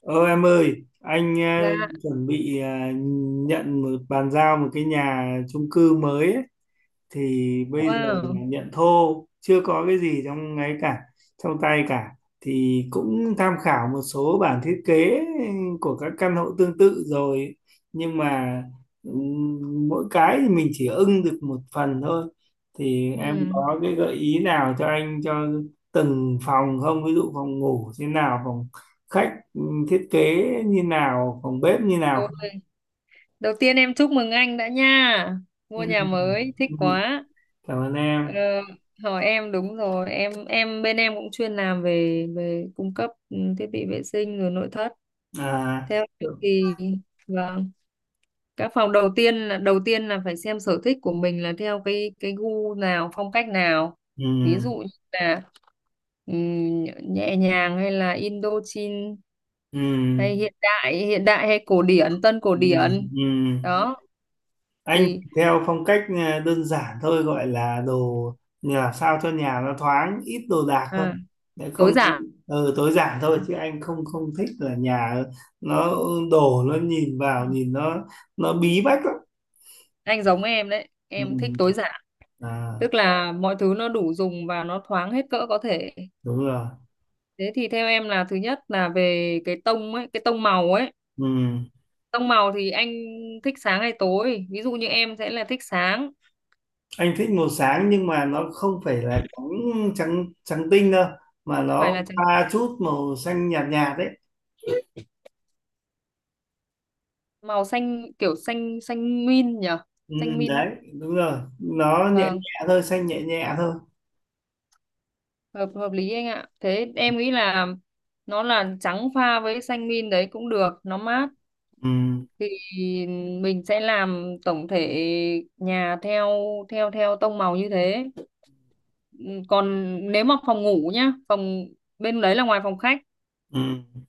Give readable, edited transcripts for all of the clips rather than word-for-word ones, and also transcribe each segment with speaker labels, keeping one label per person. Speaker 1: Ờ em ơi, anh
Speaker 2: Dạ,
Speaker 1: chuẩn bị, nhận bàn giao một cái nhà chung cư mới ấy, thì bây giờ là
Speaker 2: wow.
Speaker 1: nhận thô, chưa có cái gì trong ấy cả, trong tay cả. Thì cũng tham khảo một số bản thiết kế của các căn hộ tương tự rồi nhưng mà mỗi cái thì mình chỉ ưng được một phần thôi. Thì em
Speaker 2: Ừm.
Speaker 1: có cái gợi ý nào cho anh cho từng phòng không? Ví dụ phòng ngủ thế nào, phòng khách thiết kế như nào, phòng bếp như nào
Speaker 2: Ồ,
Speaker 1: không?
Speaker 2: đầu tiên em chúc mừng anh đã nha. Mua
Speaker 1: Ừm,
Speaker 2: nhà mới, thích
Speaker 1: ừm,
Speaker 2: quá.
Speaker 1: cảm ơn
Speaker 2: Ờ,
Speaker 1: em.
Speaker 2: hỏi em đúng rồi, em bên em cũng chuyên làm về về cung cấp thiết bị vệ sinh rồi nội thất.
Speaker 1: À,
Speaker 2: Theo em thì vâng, các phòng đầu tiên là phải xem sở thích của mình là theo cái gu nào, phong cách nào.
Speaker 1: ừ.
Speaker 2: Ví dụ như là ừm, nhẹ nhàng hay là Indochine
Speaker 1: Ừ,
Speaker 2: hay hiện đại hay cổ điển tân cổ
Speaker 1: ừ,
Speaker 2: điển.
Speaker 1: ừ.
Speaker 2: Ừ, đó
Speaker 1: Anh
Speaker 2: thì
Speaker 1: theo phong cách đơn giản thôi, gọi là đồ nhà làm sao cho nhà nó thoáng, ít đồ đạc thôi,
Speaker 2: à,
Speaker 1: để
Speaker 2: tối
Speaker 1: không anh.
Speaker 2: giản.
Speaker 1: Ừ, tối giản thôi, chứ anh không không thích là nhà nó đổ, nó nhìn
Speaker 2: Ừ,
Speaker 1: vào nhìn nó bí bách lắm.
Speaker 2: anh giống em đấy em thích
Speaker 1: Ừ.
Speaker 2: tối giản,
Speaker 1: À,
Speaker 2: tức là mọi thứ nó đủ dùng và nó thoáng hết cỡ có thể.
Speaker 1: đúng rồi.
Speaker 2: Thế thì theo em là thứ nhất là về cái tông ấy cái tông màu ấy.
Speaker 1: Ừ.
Speaker 2: Tông màu thì anh thích sáng hay tối, ví dụ như em sẽ là thích sáng.
Speaker 1: Anh thích màu sáng nhưng mà nó không phải là trắng trắng trắng tinh đâu, mà
Speaker 2: Phải
Speaker 1: nó
Speaker 2: là trắng,
Speaker 1: pha chút màu xanh nhạt nhạt đấy.
Speaker 2: màu xanh kiểu xanh xanh min nhỉ,
Speaker 1: Ừ,
Speaker 2: xanh min ấy.
Speaker 1: đấy đúng rồi, nó nhẹ
Speaker 2: Vâng,
Speaker 1: nhẹ thôi, xanh nhẹ nhẹ thôi.
Speaker 2: hợp hợp lý anh ạ, thế em nghĩ là nó là trắng pha với xanh min đấy cũng được, nó mát.
Speaker 1: Ừ,
Speaker 2: Thì mình sẽ làm tổng thể nhà theo theo theo tông màu như thế. Ừ, còn nếu mà phòng ngủ nhá, phòng bên đấy là ngoài phòng khách
Speaker 1: ừ,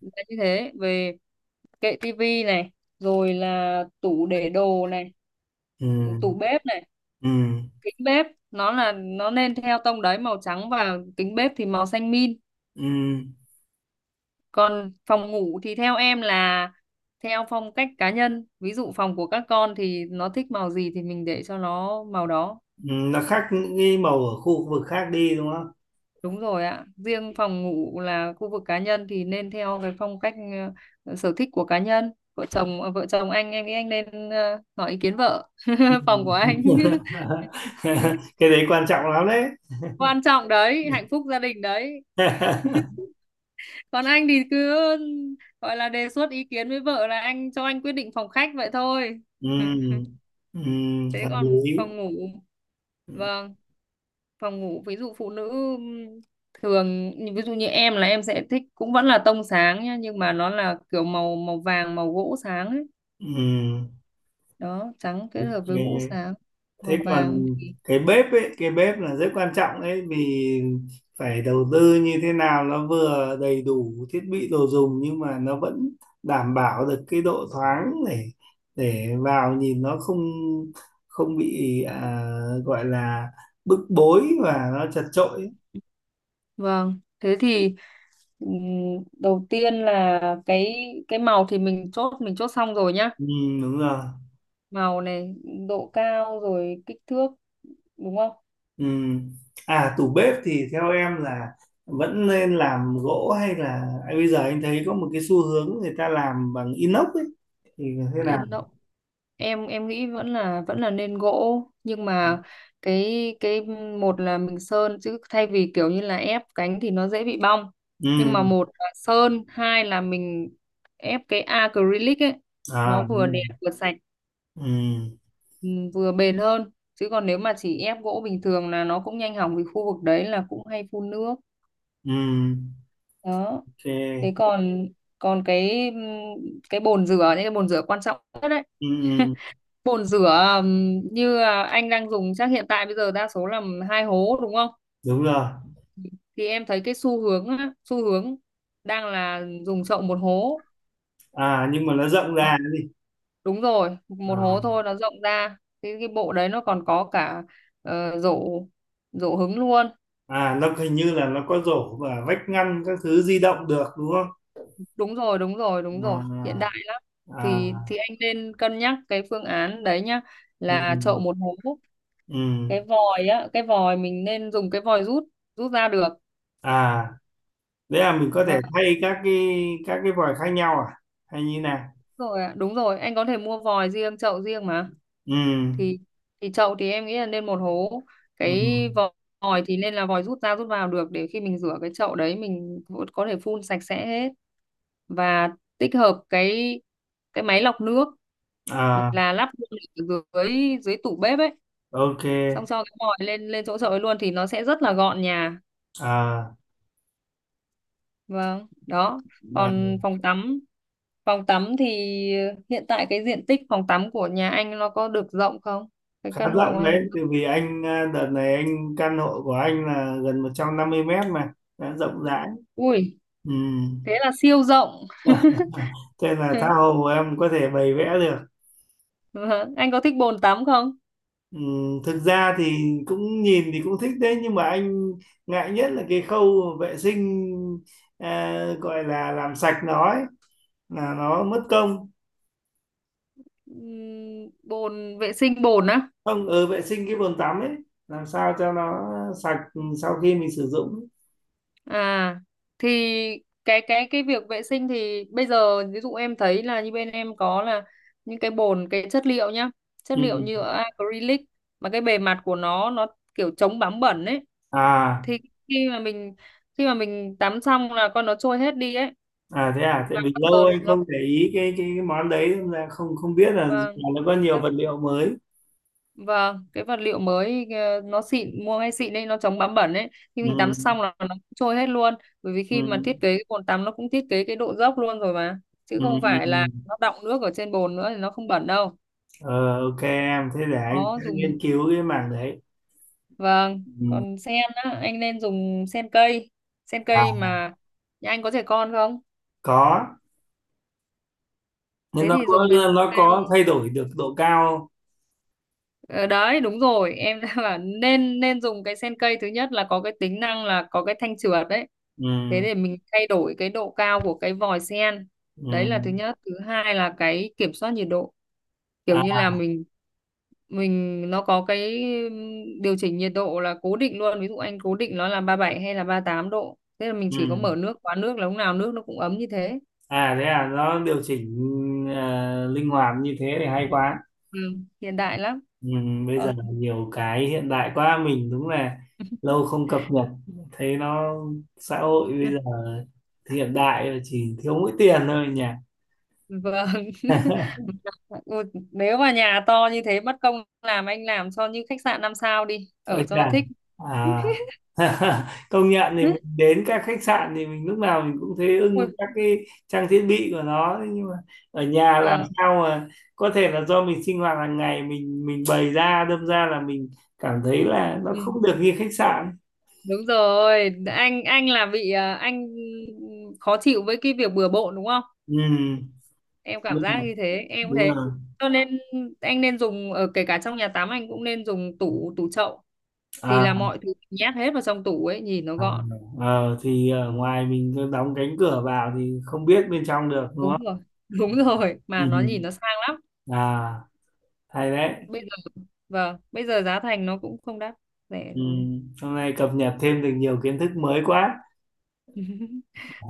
Speaker 2: là như thế, về kệ tivi này, rồi là tủ để đồ này,
Speaker 1: ừ,
Speaker 2: tủ bếp này,
Speaker 1: ừ,
Speaker 2: kính bếp, nó nên theo tông đấy màu trắng, và kính bếp thì màu xanh min.
Speaker 1: ừ.
Speaker 2: Còn phòng ngủ thì theo em là theo phong cách cá nhân, ví dụ phòng của các con thì nó thích màu gì thì mình để cho nó màu đó.
Speaker 1: Ừ, nó khác những cái màu ở khu vực khác đi đúng không?
Speaker 2: Đúng rồi ạ, riêng phòng ngủ là khu vực cá nhân thì nên theo cái phong cách sở thích của cá nhân vợ chồng anh, em nghĩ anh nên hỏi ý kiến vợ
Speaker 1: Ừ.
Speaker 2: phòng của anh.
Speaker 1: Cái đấy quan trọng lắm đấy.
Speaker 2: Quan trọng đấy, hạnh phúc gia đình đấy. Còn anh thì cứ gọi là đề xuất ý kiến với vợ là anh, cho anh quyết định phòng khách vậy thôi.
Speaker 1: Ừ, ừ,
Speaker 2: Thế
Speaker 1: hợp
Speaker 2: còn
Speaker 1: lý.
Speaker 2: phòng ngủ, vâng, phòng ngủ ví dụ phụ nữ thường, ví dụ như em là em sẽ thích cũng vẫn là tông sáng nhá, nhưng mà nó là kiểu màu màu vàng, màu gỗ sáng ấy,
Speaker 1: Ừ,
Speaker 2: đó trắng kết
Speaker 1: ok.
Speaker 2: hợp với gỗ sáng,
Speaker 1: Thế
Speaker 2: màu
Speaker 1: còn
Speaker 2: vàng thì
Speaker 1: cái bếp ấy, cái bếp là rất quan trọng đấy. Vì phải đầu tư như thế nào nó vừa đầy đủ thiết bị đồ dùng nhưng mà nó vẫn đảm bảo được cái độ thoáng, để vào nhìn nó không không bị, gọi là bức bối và nó chật chội ấy.
Speaker 2: vâng. Thế thì đầu tiên là cái màu thì mình chốt xong rồi nhá.
Speaker 1: Ừ, đúng rồi.
Speaker 2: Màu này, độ cao rồi kích thước, đúng không?
Speaker 1: Ừ. À, tủ bếp thì theo em là vẫn nên làm gỗ hay là à, bây giờ anh thấy có một cái xu hướng người ta làm bằng inox ấy thì thế nào?
Speaker 2: in em nghĩ vẫn là nên gỗ, nhưng mà cái một là mình sơn, chứ thay vì kiểu như là ép cánh thì nó dễ bị bong, nhưng mà
Speaker 1: Ừ,
Speaker 2: một là sơn, hai là mình ép cái acrylic ấy, nó
Speaker 1: à đúng
Speaker 2: vừa
Speaker 1: rồi.
Speaker 2: đẹp vừa sạch,
Speaker 1: Ừ,
Speaker 2: ừ, vừa bền hơn, chứ còn nếu mà chỉ ép gỗ bình thường là nó cũng nhanh hỏng vì khu vực đấy là cũng hay phun nước
Speaker 1: ừ,
Speaker 2: đó. Thế
Speaker 1: ok.
Speaker 2: còn còn cái cái bồn rửa, những cái bồn rửa quan trọng nhất đấy.
Speaker 1: Ừ, ừ,
Speaker 2: Bồn rửa như anh đang dùng chắc hiện tại bây giờ đa số là hai hố đúng không?
Speaker 1: đúng rồi.
Speaker 2: Thì em thấy cái xu hướng đang là dùng chậu một hố.
Speaker 1: À nhưng mà nó rộng ra
Speaker 2: Đó,
Speaker 1: nó đi.
Speaker 2: đúng rồi, một hố
Speaker 1: À,
Speaker 2: thôi nó rộng ra. Cái bộ đấy nó còn có cả rổ rổ hứng luôn.
Speaker 1: à nó hình như là nó có rổ và vách ngăn các thứ di động được đúng không?
Speaker 2: Đúng rồi, đúng rồi, đúng rồi, hiện
Speaker 1: À,
Speaker 2: đại. thì
Speaker 1: à,
Speaker 2: thì anh nên cân nhắc cái phương án đấy nhá,
Speaker 1: ừ,
Speaker 2: là chậu một hố.
Speaker 1: ừ.
Speaker 2: Cái vòi mình nên dùng cái vòi rút rút ra được.
Speaker 1: À, đấy là mình có thể thay các cái vòi khác nhau à? Hay như nào?
Speaker 2: Rồi ạ, đúng rồi anh có thể mua vòi riêng chậu riêng mà,
Speaker 1: Ừ,
Speaker 2: thì thì chậu thì em nghĩ là nên một hố,
Speaker 1: ừ,
Speaker 2: cái vò- vòi thì nên là vòi rút ra rút vào được để khi mình rửa cái chậu đấy mình cũng có thể phun sạch sẽ hết, và tích hợp cái máy lọc nước
Speaker 1: à,
Speaker 2: là lắp luôn ở dưới dưới tủ bếp ấy,
Speaker 1: ok.
Speaker 2: xong cho cái vòi lên lên chỗ chậu ấy luôn thì nó sẽ rất là gọn nhà.
Speaker 1: À,
Speaker 2: Vâng, đó còn
Speaker 1: à
Speaker 2: phòng tắm, phòng tắm thì hiện tại cái diện tích phòng tắm của nhà anh nó có được rộng không, cái
Speaker 1: khá
Speaker 2: căn hộ của
Speaker 1: rộng
Speaker 2: anh có
Speaker 1: đấy, tại
Speaker 2: được-
Speaker 1: vì anh à, đợt này anh căn hộ của anh là gần 150 mét mà, đã rộng rãi.
Speaker 2: ui
Speaker 1: Ừ.
Speaker 2: thế là siêu rộng.
Speaker 1: Thế là tha hồ em có thể bày vẽ được.
Speaker 2: Vâng, anh có thích bồn tắm không?
Speaker 1: Ừ. Thực ra thì cũng nhìn thì cũng thích đấy, nhưng mà anh ngại nhất là cái khâu vệ sinh, à, gọi là làm sạch nó ấy, là nó mất công.
Speaker 2: Bồn vệ sinh bồn á.
Speaker 1: Không, ở vệ sinh cái bồn tắm ấy, làm sao cho nó sạch sau khi mình sử dụng ấy.
Speaker 2: À thì cái việc vệ sinh thì bây giờ ví dụ em thấy là như bên em có là những cái bồn, cái chất liệu nhá, chất liệu
Speaker 1: Ừ.
Speaker 2: như acrylic mà cái bề mặt của nó kiểu chống bám bẩn ấy,
Speaker 1: À.
Speaker 2: thì khi mà mình khi mà mình tắm xong là con nó trôi hết đi ấy,
Speaker 1: À thế à, tại
Speaker 2: và
Speaker 1: vì
Speaker 2: bao
Speaker 1: lâu
Speaker 2: giờ
Speaker 1: anh
Speaker 2: nó
Speaker 1: không để ý cái cái món đấy nên là không không biết là
Speaker 2: vâng,
Speaker 1: nó có nhiều
Speaker 2: các-
Speaker 1: vật liệu mới.
Speaker 2: vâng cái vật liệu mới nó xịn mua ngay xịn đấy, nó chống bám bẩn ấy, khi
Speaker 1: Ừ,
Speaker 2: mình tắm xong là nó cũng trôi hết luôn, bởi vì khi mà
Speaker 1: ừ,
Speaker 2: thiết kế cái bồn tắm nó cũng thiết kế cái độ dốc luôn rồi mà, chứ
Speaker 1: ừ,
Speaker 2: không
Speaker 1: ừ.
Speaker 2: phải
Speaker 1: Ừ.
Speaker 2: là nó đọng nước ở trên bồn nữa thì nó không bẩn đâu.
Speaker 1: Ờ, ok em, thế để anh sẽ
Speaker 2: Có dùng
Speaker 1: nghiên cứu cái mảng đấy.
Speaker 2: vâng, còn sen á anh nên dùng sen cây, sen
Speaker 1: À,
Speaker 2: cây mà nhà anh có trẻ con không,
Speaker 1: có, nhưng
Speaker 2: thế thì dùng cái sen
Speaker 1: nó
Speaker 2: cây.
Speaker 1: có thay đổi được độ cao không?
Speaker 2: Ờ, đấy đúng rồi em, đã bảo nên nên dùng cái sen cây, thứ nhất là có cái tính năng là có cái thanh trượt đấy,
Speaker 1: Ừ,
Speaker 2: thế để mình thay đổi cái độ cao của cái vòi sen.
Speaker 1: ừ,
Speaker 2: Đấy là thứ nhất, thứ hai là cái kiểm soát nhiệt độ kiểu
Speaker 1: à,
Speaker 2: như là mình nó có cái điều chỉnh nhiệt độ là cố định luôn, ví dụ anh cố định nó là 37 hay là 38 độ, thế là mình chỉ có
Speaker 1: ừ.
Speaker 2: mở nước khóa nước là lúc nào nước nó cũng ấm như thế.
Speaker 1: À thế à, nó điều chỉnh linh hoạt như thế thì hay quá.
Speaker 2: Ừ, hiện đại lắm.
Speaker 1: Ừ, bây giờ
Speaker 2: còn
Speaker 1: nhiều cái hiện đại quá, mình đúng là lâu không cập nhật, thấy nó xã hội bây giờ hiện đại rồi, chỉ thiếu mỗi tiền thôi nhỉ.
Speaker 2: Vâng. Ui, nếu mà nhà to như thế mất công làm anh làm cho như khách sạn 5 sao đi, ở
Speaker 1: Ôi
Speaker 2: cho nó
Speaker 1: chà.
Speaker 2: thích.
Speaker 1: À. Công nhận thì mình đến các khách sạn thì mình lúc nào mình cũng thấy ưng
Speaker 2: Ui,
Speaker 1: các cái trang thiết bị của nó. Thế nhưng mà ở nhà làm
Speaker 2: vâng.
Speaker 1: sao mà, có thể là do mình sinh hoạt hàng ngày mình bày ra, đâm ra là mình cảm thấy là nó
Speaker 2: Ừ,
Speaker 1: không được như khách sạn.
Speaker 2: đúng rồi, anh là bị à, anh khó chịu với cái việc bừa bộn đúng không?
Speaker 1: Ừ,
Speaker 2: Em cảm
Speaker 1: đúng
Speaker 2: giác
Speaker 1: rồi,
Speaker 2: như thế, em cũng
Speaker 1: đúng
Speaker 2: thế.
Speaker 1: rồi.
Speaker 2: Cho nên anh nên dùng ở kể cả trong nhà tắm anh cũng nên dùng tủ tủ chậu, thì
Speaker 1: À.
Speaker 2: là mọi thứ nhét hết vào trong tủ ấy, nhìn nó
Speaker 1: Ờ,
Speaker 2: gọn.
Speaker 1: ờ, thì ở ngoài mình cứ đóng cánh cửa vào thì không biết bên trong được đúng
Speaker 2: Đúng
Speaker 1: không?
Speaker 2: rồi. Đúng rồi,
Speaker 1: Ừ.
Speaker 2: mà nó nhìn nó sang lắm.
Speaker 1: À, hay đấy.
Speaker 2: Bây giờ vâng bây giờ giá thành nó cũng không đắt, rẻ
Speaker 1: Ừ.
Speaker 2: rồi.
Speaker 1: Hôm nay cập nhật thêm được nhiều kiến thức mới quá.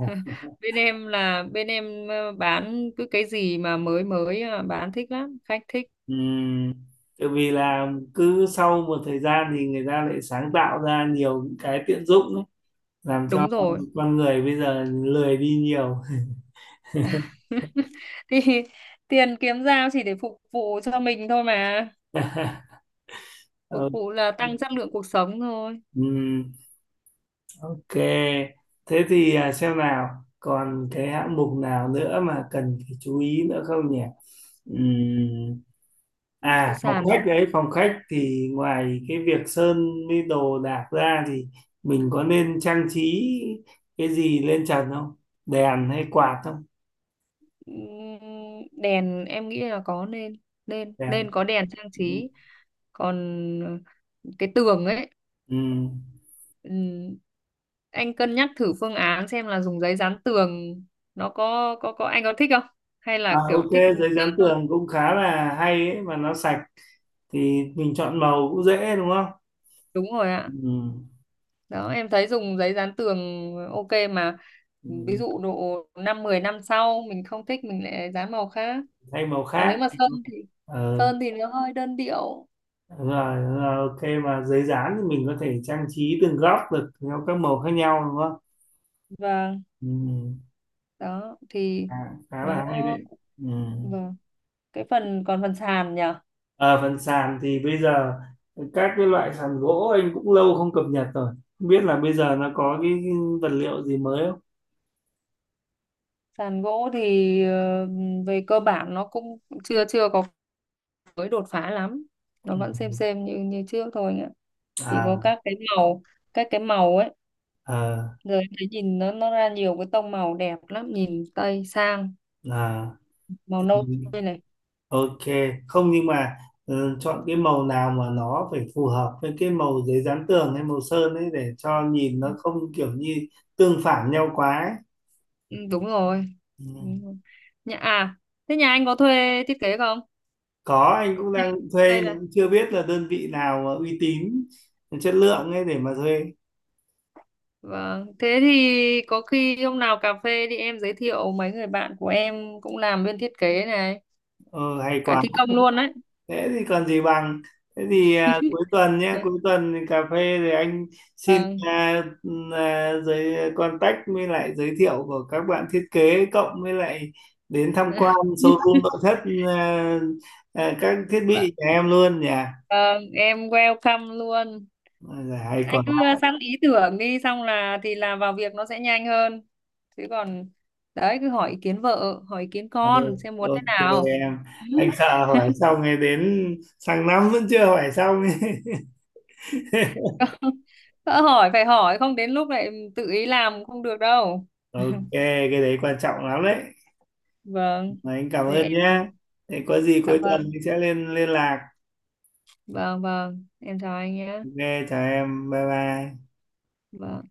Speaker 2: Bên em bán cứ cái gì mà mới mới bán thích lắm khách thích.
Speaker 1: Ừ. Tại vì là cứ sau một thời gian thì người ta lại sáng tạo ra nhiều những cái tiện dụng ấy, làm cho
Speaker 2: Đúng rồi.
Speaker 1: con người bây giờ lười đi nhiều.
Speaker 2: Thì tiền kiếm ra chỉ để phục vụ cho mình thôi mà, phục
Speaker 1: Ờ.
Speaker 2: vụ là tăng chất lượng cuộc sống thôi.
Speaker 1: Ừ. Ok, thế thì à, xem nào, còn cái hạng mục nào nữa mà cần phải chú ý nữa không nhỉ? Ừm,
Speaker 2: Cái
Speaker 1: à, phòng
Speaker 2: sàn này,
Speaker 1: khách đấy, phòng khách thì ngoài cái việc sơn với đồ đạc ra thì mình có nên trang trí cái gì lên trần không? Đèn hay quạt không?
Speaker 2: đèn em nghĩ là có nên nên
Speaker 1: Đèn.
Speaker 2: nên có đèn trang
Speaker 1: Ừm,
Speaker 2: trí, còn cái tường ấy,
Speaker 1: ừm.
Speaker 2: ừm, anh cân nhắc thử phương án xem là dùng giấy dán tường, nó có anh có thích không hay
Speaker 1: À,
Speaker 2: là kiểu
Speaker 1: ok,
Speaker 2: thích
Speaker 1: giấy dán
Speaker 2: sơn thôi.
Speaker 1: tường cũng khá là hay ấy, mà nó sạch thì mình chọn màu cũng dễ đúng không?
Speaker 2: Đúng rồi ạ,
Speaker 1: Ừm,
Speaker 2: đó em thấy dùng giấy dán tường ok mà, ví
Speaker 1: ừm.
Speaker 2: dụ độ 5-10 năm sau mình không thích mình lại dán màu khác,
Speaker 1: Thay màu
Speaker 2: còn nếu
Speaker 1: khác.
Speaker 2: mà sơn thì
Speaker 1: Ờ,
Speaker 2: sơn thì nó hơi đơn điệu
Speaker 1: rồi, rồi ok, mà giấy dán thì mình có thể trang trí từng góc được theo các màu khác nhau đúng không?
Speaker 2: và
Speaker 1: Ừ.
Speaker 2: đó thì
Speaker 1: À, khá
Speaker 2: nó
Speaker 1: là hay đấy. Ừ.
Speaker 2: vâng, cái phần còn phần sàn nhỉ.
Speaker 1: Ở phần sàn thì bây giờ các cái loại sàn gỗ anh cũng lâu không cập nhật rồi, không biết là bây giờ nó có cái vật liệu gì mới không.
Speaker 2: Sàn gỗ thì ờ, về cơ bản nó cũng chưa chưa có mới đột phá lắm, nó vẫn xem
Speaker 1: Ừ.
Speaker 2: xem như như trước thôi nhá, chỉ có
Speaker 1: À,
Speaker 2: các cái màu ấy,
Speaker 1: à,
Speaker 2: rồi em thấy nhìn nó ra nhiều cái tông màu đẹp lắm nhìn tây sang,
Speaker 1: à.
Speaker 2: màu
Speaker 1: Thì
Speaker 2: nâu đây này.
Speaker 1: ok, không nhưng mà, ừ, chọn cái màu nào mà nó phải phù hợp với cái màu giấy dán tường hay màu sơn ấy, để cho nhìn nó không kiểu như tương phản nhau quá ấy.
Speaker 2: Ừ, đúng rồi.
Speaker 1: Ừ.
Speaker 2: Đúng rồi. Nhà à Thế nhà anh có thuê thiết kế không?
Speaker 1: Có, anh cũng đang thuê
Speaker 2: Hay
Speaker 1: mà
Speaker 2: là
Speaker 1: cũng chưa biết là đơn vị nào mà uy tín chất lượng ấy để mà thuê.
Speaker 2: vâng, thế thì có khi hôm nào cà phê đi em giới thiệu mấy người bạn của em cũng làm bên thiết kế này,
Speaker 1: Ờ, hay
Speaker 2: cả
Speaker 1: quá.
Speaker 2: thi công luôn đấy.
Speaker 1: Thế thì còn gì bằng. Thế thì à, cuối tuần nhé, cuối tuần thì cà phê rồi anh xin
Speaker 2: Vâng.
Speaker 1: giới contact với lại giới thiệu của các bạn thiết kế, cộng với lại đến tham quan showroom nội thất, à, à, các thiết
Speaker 2: Vâng,
Speaker 1: bị nhà em luôn nhỉ.
Speaker 2: vâng, em welcome luôn.
Speaker 1: Ôi giời, hay
Speaker 2: Anh
Speaker 1: còn
Speaker 2: cứ
Speaker 1: lắm.
Speaker 2: sẵn ý tưởng đi, xong thì vào việc nó sẽ nhanh hơn. Chứ còn đấy cứ hỏi ý kiến vợ, hỏi ý kiến
Speaker 1: Ừ,
Speaker 2: con xem muốn thế
Speaker 1: ok
Speaker 2: nào.
Speaker 1: em. Anh sợ hỏi xong rồi đến sang năm vẫn chưa hỏi xong.
Speaker 2: Không, đã hỏi phải hỏi, không đến lúc lại tự ý làm không được đâu.
Speaker 1: Ok, cái đấy quan trọng lắm đấy.
Speaker 2: Vâng.
Speaker 1: Mà anh cảm
Speaker 2: Thế em
Speaker 1: ơn nhé. Thế có gì
Speaker 2: dạ
Speaker 1: cuối tuần
Speaker 2: vâng,
Speaker 1: mình sẽ lên liên lạc.
Speaker 2: vâng vâng, em chào anh nhé.
Speaker 1: Ok, chào em, bye bye.
Speaker 2: Vâng.